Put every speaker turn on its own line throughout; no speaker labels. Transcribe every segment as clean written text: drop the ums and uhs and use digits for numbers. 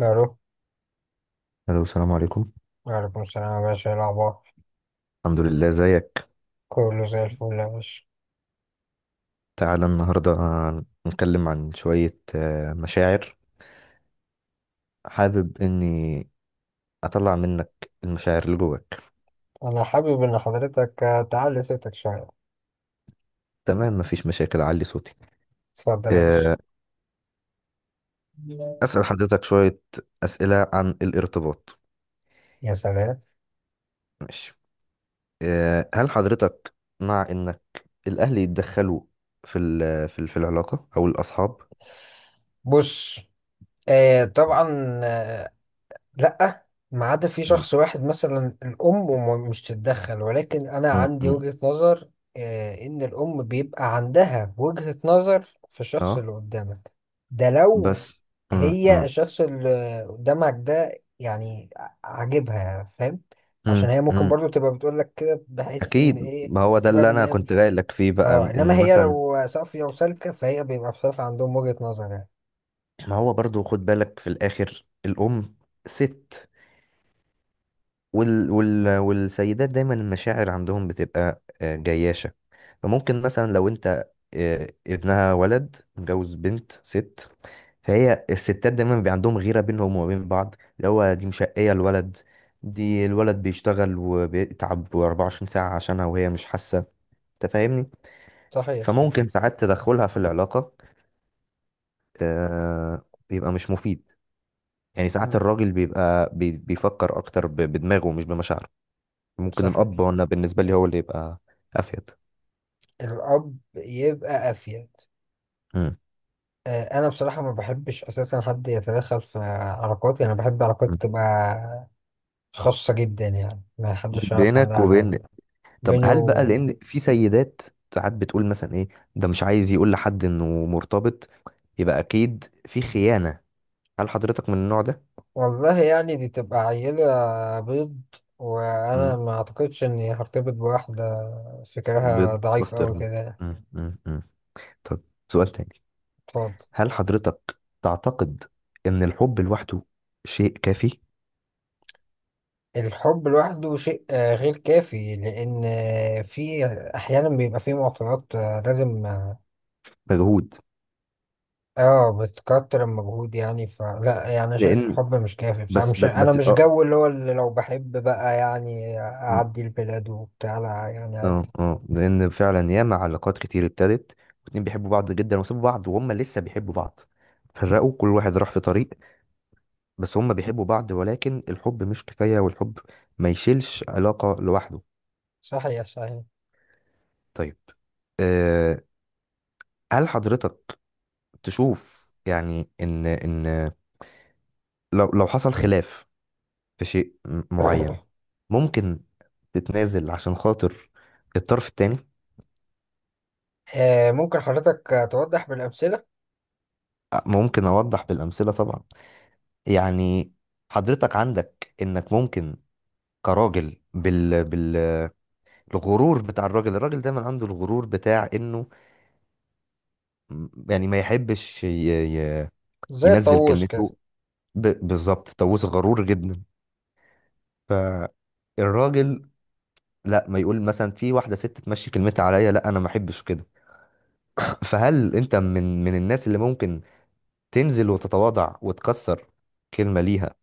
الو.
الو، السلام عليكم.
وعليكم السلام يا باشا، ايه الاخبار؟
الحمد لله، زيك.
كله زي الفل يا باشا.
تعالى النهارده نتكلم عن شوية مشاعر. حابب اني اطلع منك المشاعر اللي جواك.
انا حابب ان حضرتك تعلي صوتك شويه.
تمام، مفيش مشاكل، اعلي صوتي.
اتفضل يا باشا.
آه، اسأل حضرتك شوية اسئلة عن الارتباط.
يا سلام.
ماشي. هل حضرتك مع انك الاهل يتدخلوا في العلاقة او الاصحاب؟
بص. طبعا. آه لا، ما عدا في
م- م-
شخص واحد مثلا الام وم- مش تتدخل، ولكن انا
م-
عندي
م.
وجهة نظر. ان الام بيبقى عندها وجهة نظر في الشخص
اه،
اللي قدامك. ده لو
بس م-
هي
م-
الشخص اللي قدامك ده يعني عاجبها، فاهم؟ عشان
م-
هي ممكن
م-
برضو تبقى بتقول لك كده، بحيث ان
اكيد،
ايه،
ما هو ده
بسبب
اللي
ان
انا
هي
كنت
مش...
جاي لك فيه بقى،
اه، انما
ان
هي
مثلا
لو صافية وسالكة فهي بيبقى بصراحة عندهم وجهة نظر يعني.
ما هو برضو خد بالك في الاخر، الام ست، والسيدات دايما المشاعر عندهم بتبقى جياشة. فممكن مثلا لو انت ابنها، ولد متجوز بنت ست، فهي الستات دايما بيبقى عندهم غيرة بينهم وبين بعض، اللي هو دي مشقية الولد، دي الولد بيشتغل وبيتعب 24 ساعة عشانها وهي مش حاسة. انت فاهمني؟
صحيح صحيح.
فممكن ساعات تدخلها في العلاقة بيبقى مش مفيد. يعني ساعات
مم،
الراجل بيبقى بيفكر اكتر بدماغه مش بمشاعره. ممكن الاب،
صحيح.
وانا بالنسبه لي هو اللي يبقى افيد.
الأب يبقى أفيد.
مم.
أنا بصراحة ما بحبش أساسا حد يتدخل في علاقاتي، أنا بحب
مم.
علاقاتي تبقى خاصة جدا، يعني ما حدش يعرف
بينك
عنها
وبين.
حاجة.
طب
بيني
هل بقى،
و...
لان في سيدات ساعات بتقول مثلا ايه، ده مش عايز يقول لحد انه مرتبط، يبقى اكيد في خيانه، هل حضرتك من النوع ده؟
والله يعني دي تبقى عيلة بيض، وأنا
مم.
ما أعتقدش إني هرتبط بواحدة فكرها
بيض
ضعيف أوي
بسطرمه.
كده.
مم. مم. مم. طب، سؤال تاني.
اتفضل.
هل حضرتك تعتقد ان الحب لوحده شيء كافي؟
الحب لوحده شيء غير كافي، لأن في أحيانا بيبقى في معطيات لازم
مجهود.
بتكتر المجهود يعني، فلا يعني أنا شايف
لان
الحب مش كافي، بس أنا
بس
مش
بس بس اه
جو اللي هو اللي لو بحب بقى يعني
م.
أعدي البلاد وبتاع، لا يعني
اه
عادي.
اه لان فعلا ياما علاقات كتير ابتدت، واتنين بيحبوا بعض جدا وسابوا بعض وهم لسه بيحبوا بعض، فرقوا، كل واحد راح في طريق. بس هم بيحبوا بعض، ولكن الحب مش كفاية، والحب ما يشيلش علاقة لوحده.
صحيح صحيح.
طيب، آه، هل حضرتك تشوف يعني ان لو حصل خلاف في شيء معين، ممكن تتنازل عشان خاطر الطرف التاني؟
ممكن حضرتك توضح بالأمثلة؟
ممكن اوضح بالامثله طبعا. يعني حضرتك عندك انك ممكن كراجل بالغرور بتاع الراجل، الراجل دايما عنده الغرور بتاع انه يعني ما يحبش ي...
زي
ينزل
الطاووس كده.
كلمته ب... بالظبط، طاووس، غرور جدا. فالراجل، لا ما يقول مثلا في واحده ست تمشي كلمتها عليا، لا انا ما احبش كده. فهل انت من الناس اللي ممكن تنزل وتتواضع وتكسر كلمه ليها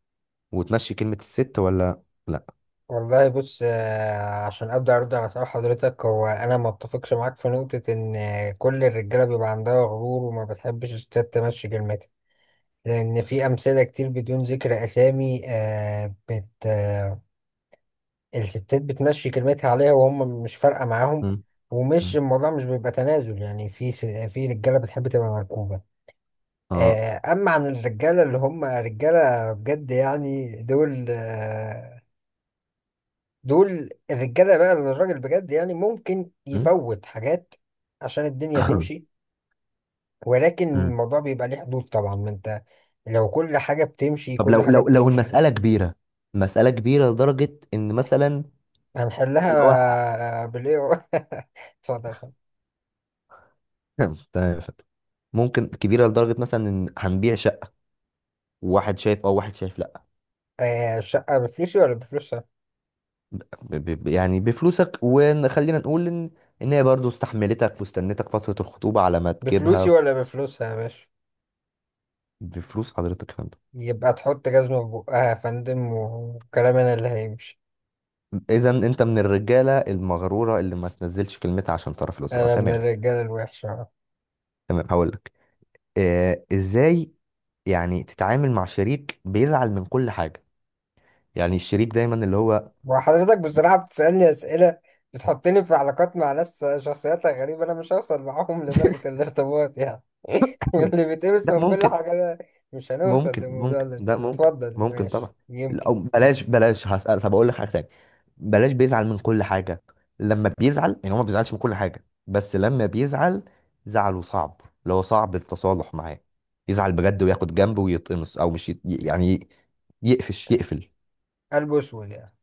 وتمشي كلمه الست، ولا لا؟
والله بص، عشان ابدا ارد على سؤال حضرتك، هو انا ما اتفقش معاك في نقطه ان كل الرجاله بيبقى عندها غرور وما بتحبش الستات تمشي كلمتها، لان في امثله كتير بدون ذكر اسامي آه، بت آه، الستات بتمشي كلمتها عليها وهم مش فارقه معاهم.
مم.
ومش
مم.
الموضوع مش بيبقى تنازل، يعني في في رجاله بتحب تبقى مركوبه.
اه.
اما عن الرجاله اللي هم رجاله بجد، يعني دول دول الرجاله بقى اللي الراجل بجد يعني ممكن
مم.
يفوت حاجات عشان الدنيا تمشي. ولكن
مم.
الموضوع بيبقى ليه حدود طبعا، ما انت لو كل حاجه بتمشي
طب
كل
لو
حاجه بتمشي.
المسألة كبيرة، مسألة كبيرة لدرجة إن مثلا اللي هو
هنحلها بالاي. اتفضل اتفضل.
تمام يا فندم. ممكن كبيرة لدرجة مثلا إن هنبيع شقة، وواحد شايف أه وواحد شايف لأ.
الشقه بفلوسي ولا بفلوسها؟
ب- يعني بفلوسك، وخلينا نقول إن هي برضه استحملتك واستنتك فترة الخطوبة على ما
بفلوسي
تجيبها.
ولا بفلوسها يا باشا؟
بفلوس حضرتك يا فندم.
يبقى تحط جزمه في بقها يا فندم، وكلام انا اللي هيمشي.
إذا أنت من الرجالة المغرورة اللي ما تنزلش كلمتها عشان طرف الأسرة،
انا من
تمام.
الرجاله الوحشه.
تمام، هقول لك، إزاي يعني تتعامل مع شريك بيزعل من كل حاجة؟ يعني الشريك دايما اللي هو.
وحضرتك بصراحة بتسألني أسئلة بتحطني في علاقات مع ناس شخصياتها غريبة، أنا مش هوصل معاهم لدرجة الارتباط يعني. اللي بيتقمص
لا،
من كل
ممكن.
حاجة ده، مش هنوصل
ممكن.
لموضوع
ممكن ده
الارتباط.
ممكن
اتفضل
ممكن
ماشي
طبعا.
يمكن.
او بلاش، هسأل. طب اقول لك حاجه تانية، بلاش بيزعل من كل حاجه، لما بيزعل، يعني هو ما بيزعلش من كل حاجه بس لما بيزعل زعله صعب، اللي هو صعب التصالح معاه، يزعل بجد وياخد جنبه ويتقمص او مش يعني يقفش، يقفل.
قلب أسود يعني؟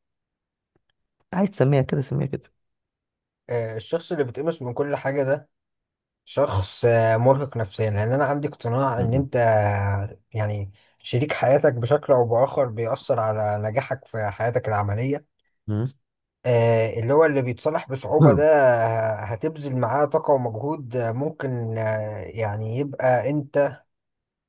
عايز تسميها كده سميها كده.
الشخص اللي بيتقمص من كل حاجة ده شخص مرهق نفسيا، لأن أنا عندي اقتناع إن
م-
أنت يعني شريك حياتك بشكل أو بآخر بيأثر على نجاحك في حياتك العملية.
م-
اللي هو اللي بيتصلح بصعوبة
م.
ده هتبذل معاه طاقة ومجهود، ممكن يعني يبقى انت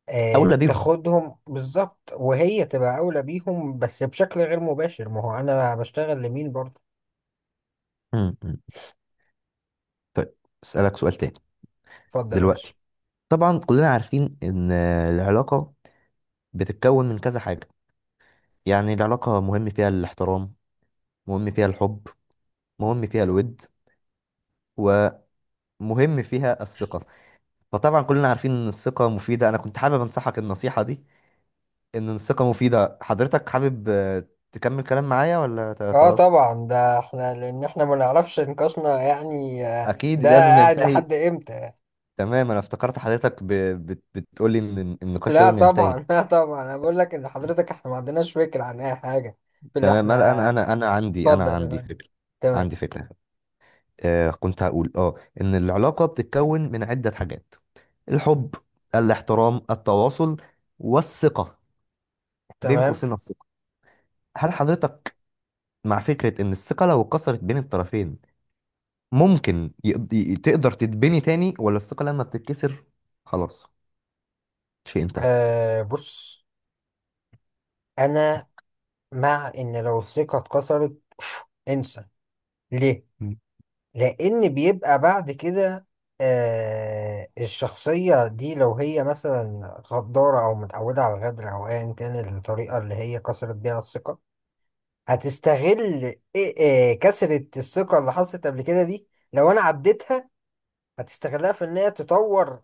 اولى بيهم.
تاخدهم بالظبط، وهي تبقى أولى بيهم، بس بشكل غير مباشر، ما هو أنا بشتغل لمين برضه.
م- م. طيب، اسالك سؤال تاني.
اتفضل يا باشا.
دلوقتي طبعا كلنا عارفين ان العلاقه بتتكون من كذا حاجة، يعني العلاقة مهم فيها الاحترام، مهم فيها الحب، مهم فيها الود، ومهم فيها الثقة. فطبعا كلنا عارفين ان الثقة مفيدة. انا كنت حابب انصحك النصيحة دي، ان الثقة مفيدة. حضرتك حابب تكمل كلام معايا ولا
اه
خلاص؟
طبعا، ده احنا لان احنا ما نعرفش نقاشنا يعني
اكيد
ده
لازم
قاعد
ينتهي.
لحد امتى.
تمام، انا افتكرت حضرتك بتقولي ان النقاش
لا
لازم ينتهي.
طبعا لا طبعا، انا بقول لك ان حضرتك احنا ما عندناش فكرة عن اي حاجة في اللي
تمام، لا، انا
احنا...
انا انا عندي
اتفضل
انا
يا
عندي
فندم.
فكرة.
تمام
عندي فكرة. كنت هقول ان العلاقة بتتكون من عدة حاجات، الحب، الاحترام، التواصل، والثقة. بين
تمام.
قوسين الثقة. هل حضرتك مع فكرة ان الثقة لو اتكسرت بين الطرفين ممكن تقدر تتبني تاني، ولا الثقة لما بتتكسر خلاص شيء انتهى؟
بص، انا مع ان لو الثقة اتكسرت انسى. ليه؟
مم.
لان بيبقى بعد كده الشخصية دي لو هي مثلا غدارة او متعودة على الغدر او ايا كان الطريقة اللي هي كسرت بيها الثقة، هتستغل كسرة الثقة اللي حصلت قبل كده دي. لو انا عديتها، هتستغلها في ان هي تطور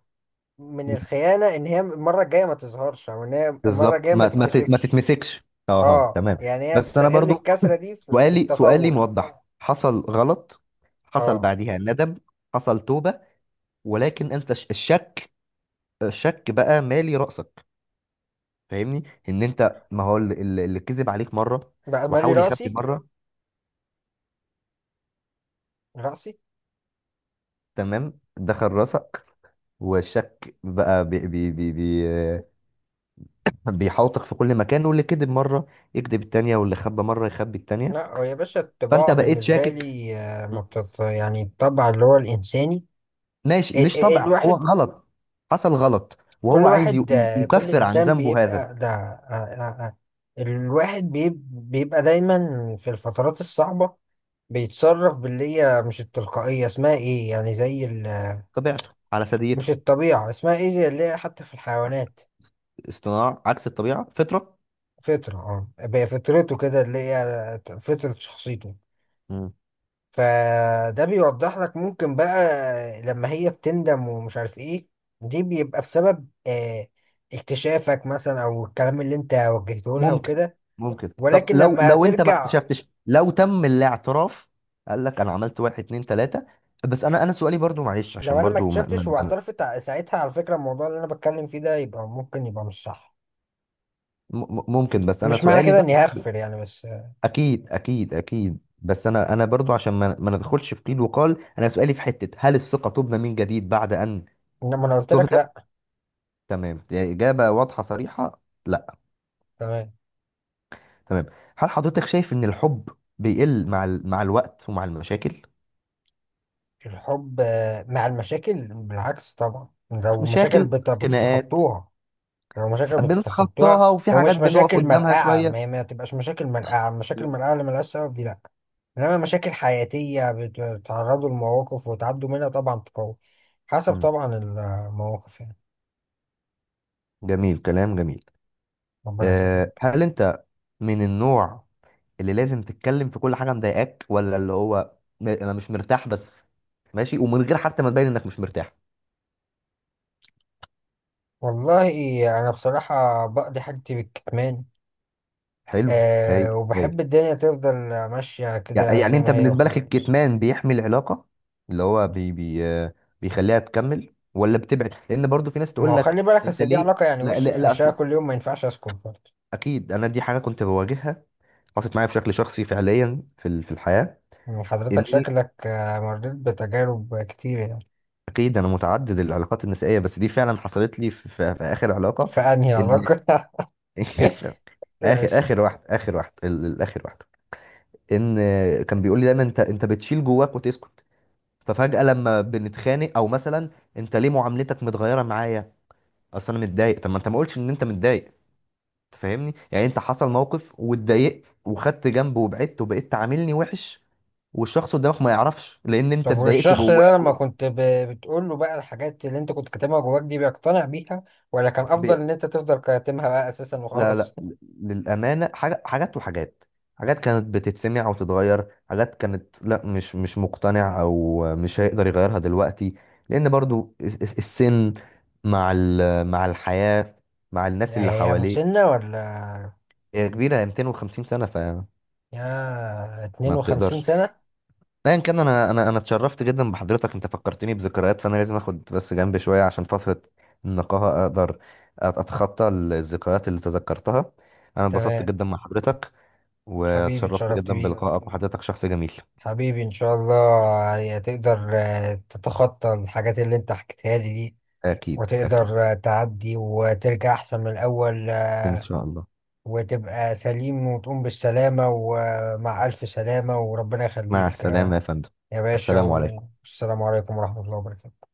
من الخيانة، ان هي المرة الجاية ما تظهرش، او ان هي المرة
بالظبط،
الجاية ما
ما
تتكشفش.
تتمسكش.
اه
تمام.
يعني هي
بس انا
تستغل
برضو
الكسرة دي في
سؤالي،
التطور.
موضح، حصل غلط، حصل
اه،
بعديها ندم، حصل توبة، ولكن انت الشك، بقى مالي رأسك. فاهمني؟ ان انت، ما هو اللي، اللي كذب عليك مرة
بقى مالي
وحاول يخبي
راسي.
مرة،
راسي.
تمام، دخل راسك. والشك بقى بي بي بي بي بيحاوطك في كل مكان، واللي كذب مرة يكذب التانية، واللي خبى مرة يخبي التانية،
لا هو يا باشا الطباع
فانت بقيت
بالنسبة
شاكك.
لي ما بتط... يعني الطبع اللي هو الإنساني،
ماشي، مش طبع، هو
الواحد،
غلط، حصل غلط
كل
وهو عايز
واحد كل
يكفر عن
إنسان
ذنبه هذا.
بيبقى ده الواحد بيبقى دايما في الفترات الصعبة بيتصرف باللي هي مش التلقائية اسمها ايه يعني زي ال...
طبيعته على
مش
ثديته.
الطبيعة اسمها ايه، زي اللي هي حتى في الحيوانات،
اصطناع عكس الطبيعة، فطرة.
فطرة. اه هي فطرته كده اللي هي فطرة شخصيته. فده بيوضح لك ممكن بقى لما هي بتندم ومش عارف ايه، دي بيبقى بسبب اكتشافك مثلا او الكلام اللي انت وجهته لها
ممكن،
وكده.
ممكن. طب
ولكن
لو
لما
انت ما
هترجع...
اكتشفتش، لو تم الاعتراف، قال لك انا عملت واحد اتنين تلاتة، بس انا سؤالي برضو، معلش،
لو
عشان
انا ما
برضو
اكتشفتش واعترفت ساعتها، على فكرة الموضوع اللي انا بتكلم فيه ده يبقى ممكن يبقى مش صح.
ممكن، بس انا
مش معنى
سؤالي
كده
بس.
اني هغفر يعني، بس
اكيد بس انا برضو عشان ما ندخلش في قيل وقال، انا سؤالي في حتة، هل الثقة تبنى من جديد بعد ان
انما انا قلت لك
تهدم؟
لا.
تمام، يعني اجابة واضحة صريحة، لا.
تمام.
تمام. هل حضرتك شايف ان الحب بيقل مع مع الوقت ومع المشاكل؟
الحب مع المشاكل بالعكس طبعا، لو مشاكل
مشاكل، خناقات،
بتتخطوها، لو مشاكل بتتخطوها
بنتخطاها، وفي حاجات
ومش
بنقف
مشاكل
قدامها
مرقعة،
شوية.
ما تبقاش مشاكل مرقعة، مشاكل
مم.
مرقعة اللي ملهاش سبب دي لأ. إنما مشاكل حياتية بتتعرضوا لمواقف وتعدوا منها، طبعا تقوي، حسب
مم.
طبعا المواقف يعني.
جميل، كلام جميل.
ربنا
أه،
يخليك.
هل انت من النوع اللي لازم تتكلم في كل حاجة مضايقاك، ولا اللي هو انا مش مرتاح بس ماشي، ومن غير حتى ما تبين انك مش مرتاح؟
والله أنا بصراحة بقضي حاجتي بالكتمان.
حلو، هايل،
أه
هايل.
وبحب الدنيا تفضل ماشية كده
يعني
زي
انت
ما هي
بالنسبة لك
وخلاص.
الكتمان بيحمي العلاقة، اللي هو بي بي آه، بيخليها تكمل، ولا بتبعد، لان برضو في ناس
ما
تقول
هو
لك.
خلي بالك،
انت
اصل دي
ليه؟
علاقة يعني،
لا
وشي
لا
في
لا،
وشها كل يوم، ما ينفعش اسكت برضه.
اكيد انا دي حاجة كنت بواجهها، حصلت معايا بشكل شخصي فعليا في الحياة.
يعني حضرتك
اني،
شكلك مريت بتجارب كتير يعني؟
اكيد انا متعدد العلاقات النسائيه، بس دي فعلا حصلت لي في اخر علاقه.
فأنهي
ان
علاقة؟ ماشي.
اخر واحد، ان كان بيقول لي دايما انت، بتشيل جواك وتسكت، ففجاه لما بنتخانق او مثلا، انت ليه معاملتك متغيره معايا؟ اصل انا متضايق. طب ما انت ما قلتش ان انت متضايق. أنت فاهمني؟ يعني انت حصل موقف واتضايقت وخدت جنب وبعدت وبقيت تعاملني وحش، والشخص قدامك ما يعرفش لان انت
طب
اتضايقت
والشخص
جواه.
ده لما كنت بتقول له بقى الحاجات اللي انت كنت كاتمها جواك دي، بيقتنع بيها ولا كان افضل ان انت تفضل كاتمها بقى اساسا
لا،
وخلاص؟
لا. للأمانة، حاجة حاجات وحاجات، حاجات كانت بتتسمع وتتغير، حاجات كانت لا، مش مش مقتنع، أو مش هيقدر يغيرها دلوقتي، لأن برضو السن مع مع الحياة، مع الناس اللي
هي
حواليه.
مسنة ولا؟
هي كبيرة، هي 250 سنة، فما
يا 52
بتقدرش.
سنة.
أيا كان، أنا اتشرفت جدا بحضرتك، أنت فكرتني بذكريات، فأنا لازم آخد بس جنب شوية عشان فترة النقاهة أقدر أتخطى الذكريات اللي تذكرتها. أنا اتبسطت
تمام.
جدا مع حضرتك،
حبيبي
واتشرفت
اتشرفت
جدا
بيك.
بلقائك، وحضرتك شخص جميل.
حبيبي ان شاء الله يعني تقدر تتخطى الحاجات اللي انت حكيتها لي دي،
أكيد، أكيد.
وتقدر تعدي وترجع أحسن من الأول،
إن شاء الله.
وتبقى سليم وتقوم بالسلامة ومع ألف سلامة وربنا
مع
يخليك
السلامة يا فندم.
يا باشا،
السلام عليكم.
والسلام عليكم ورحمة الله وبركاته.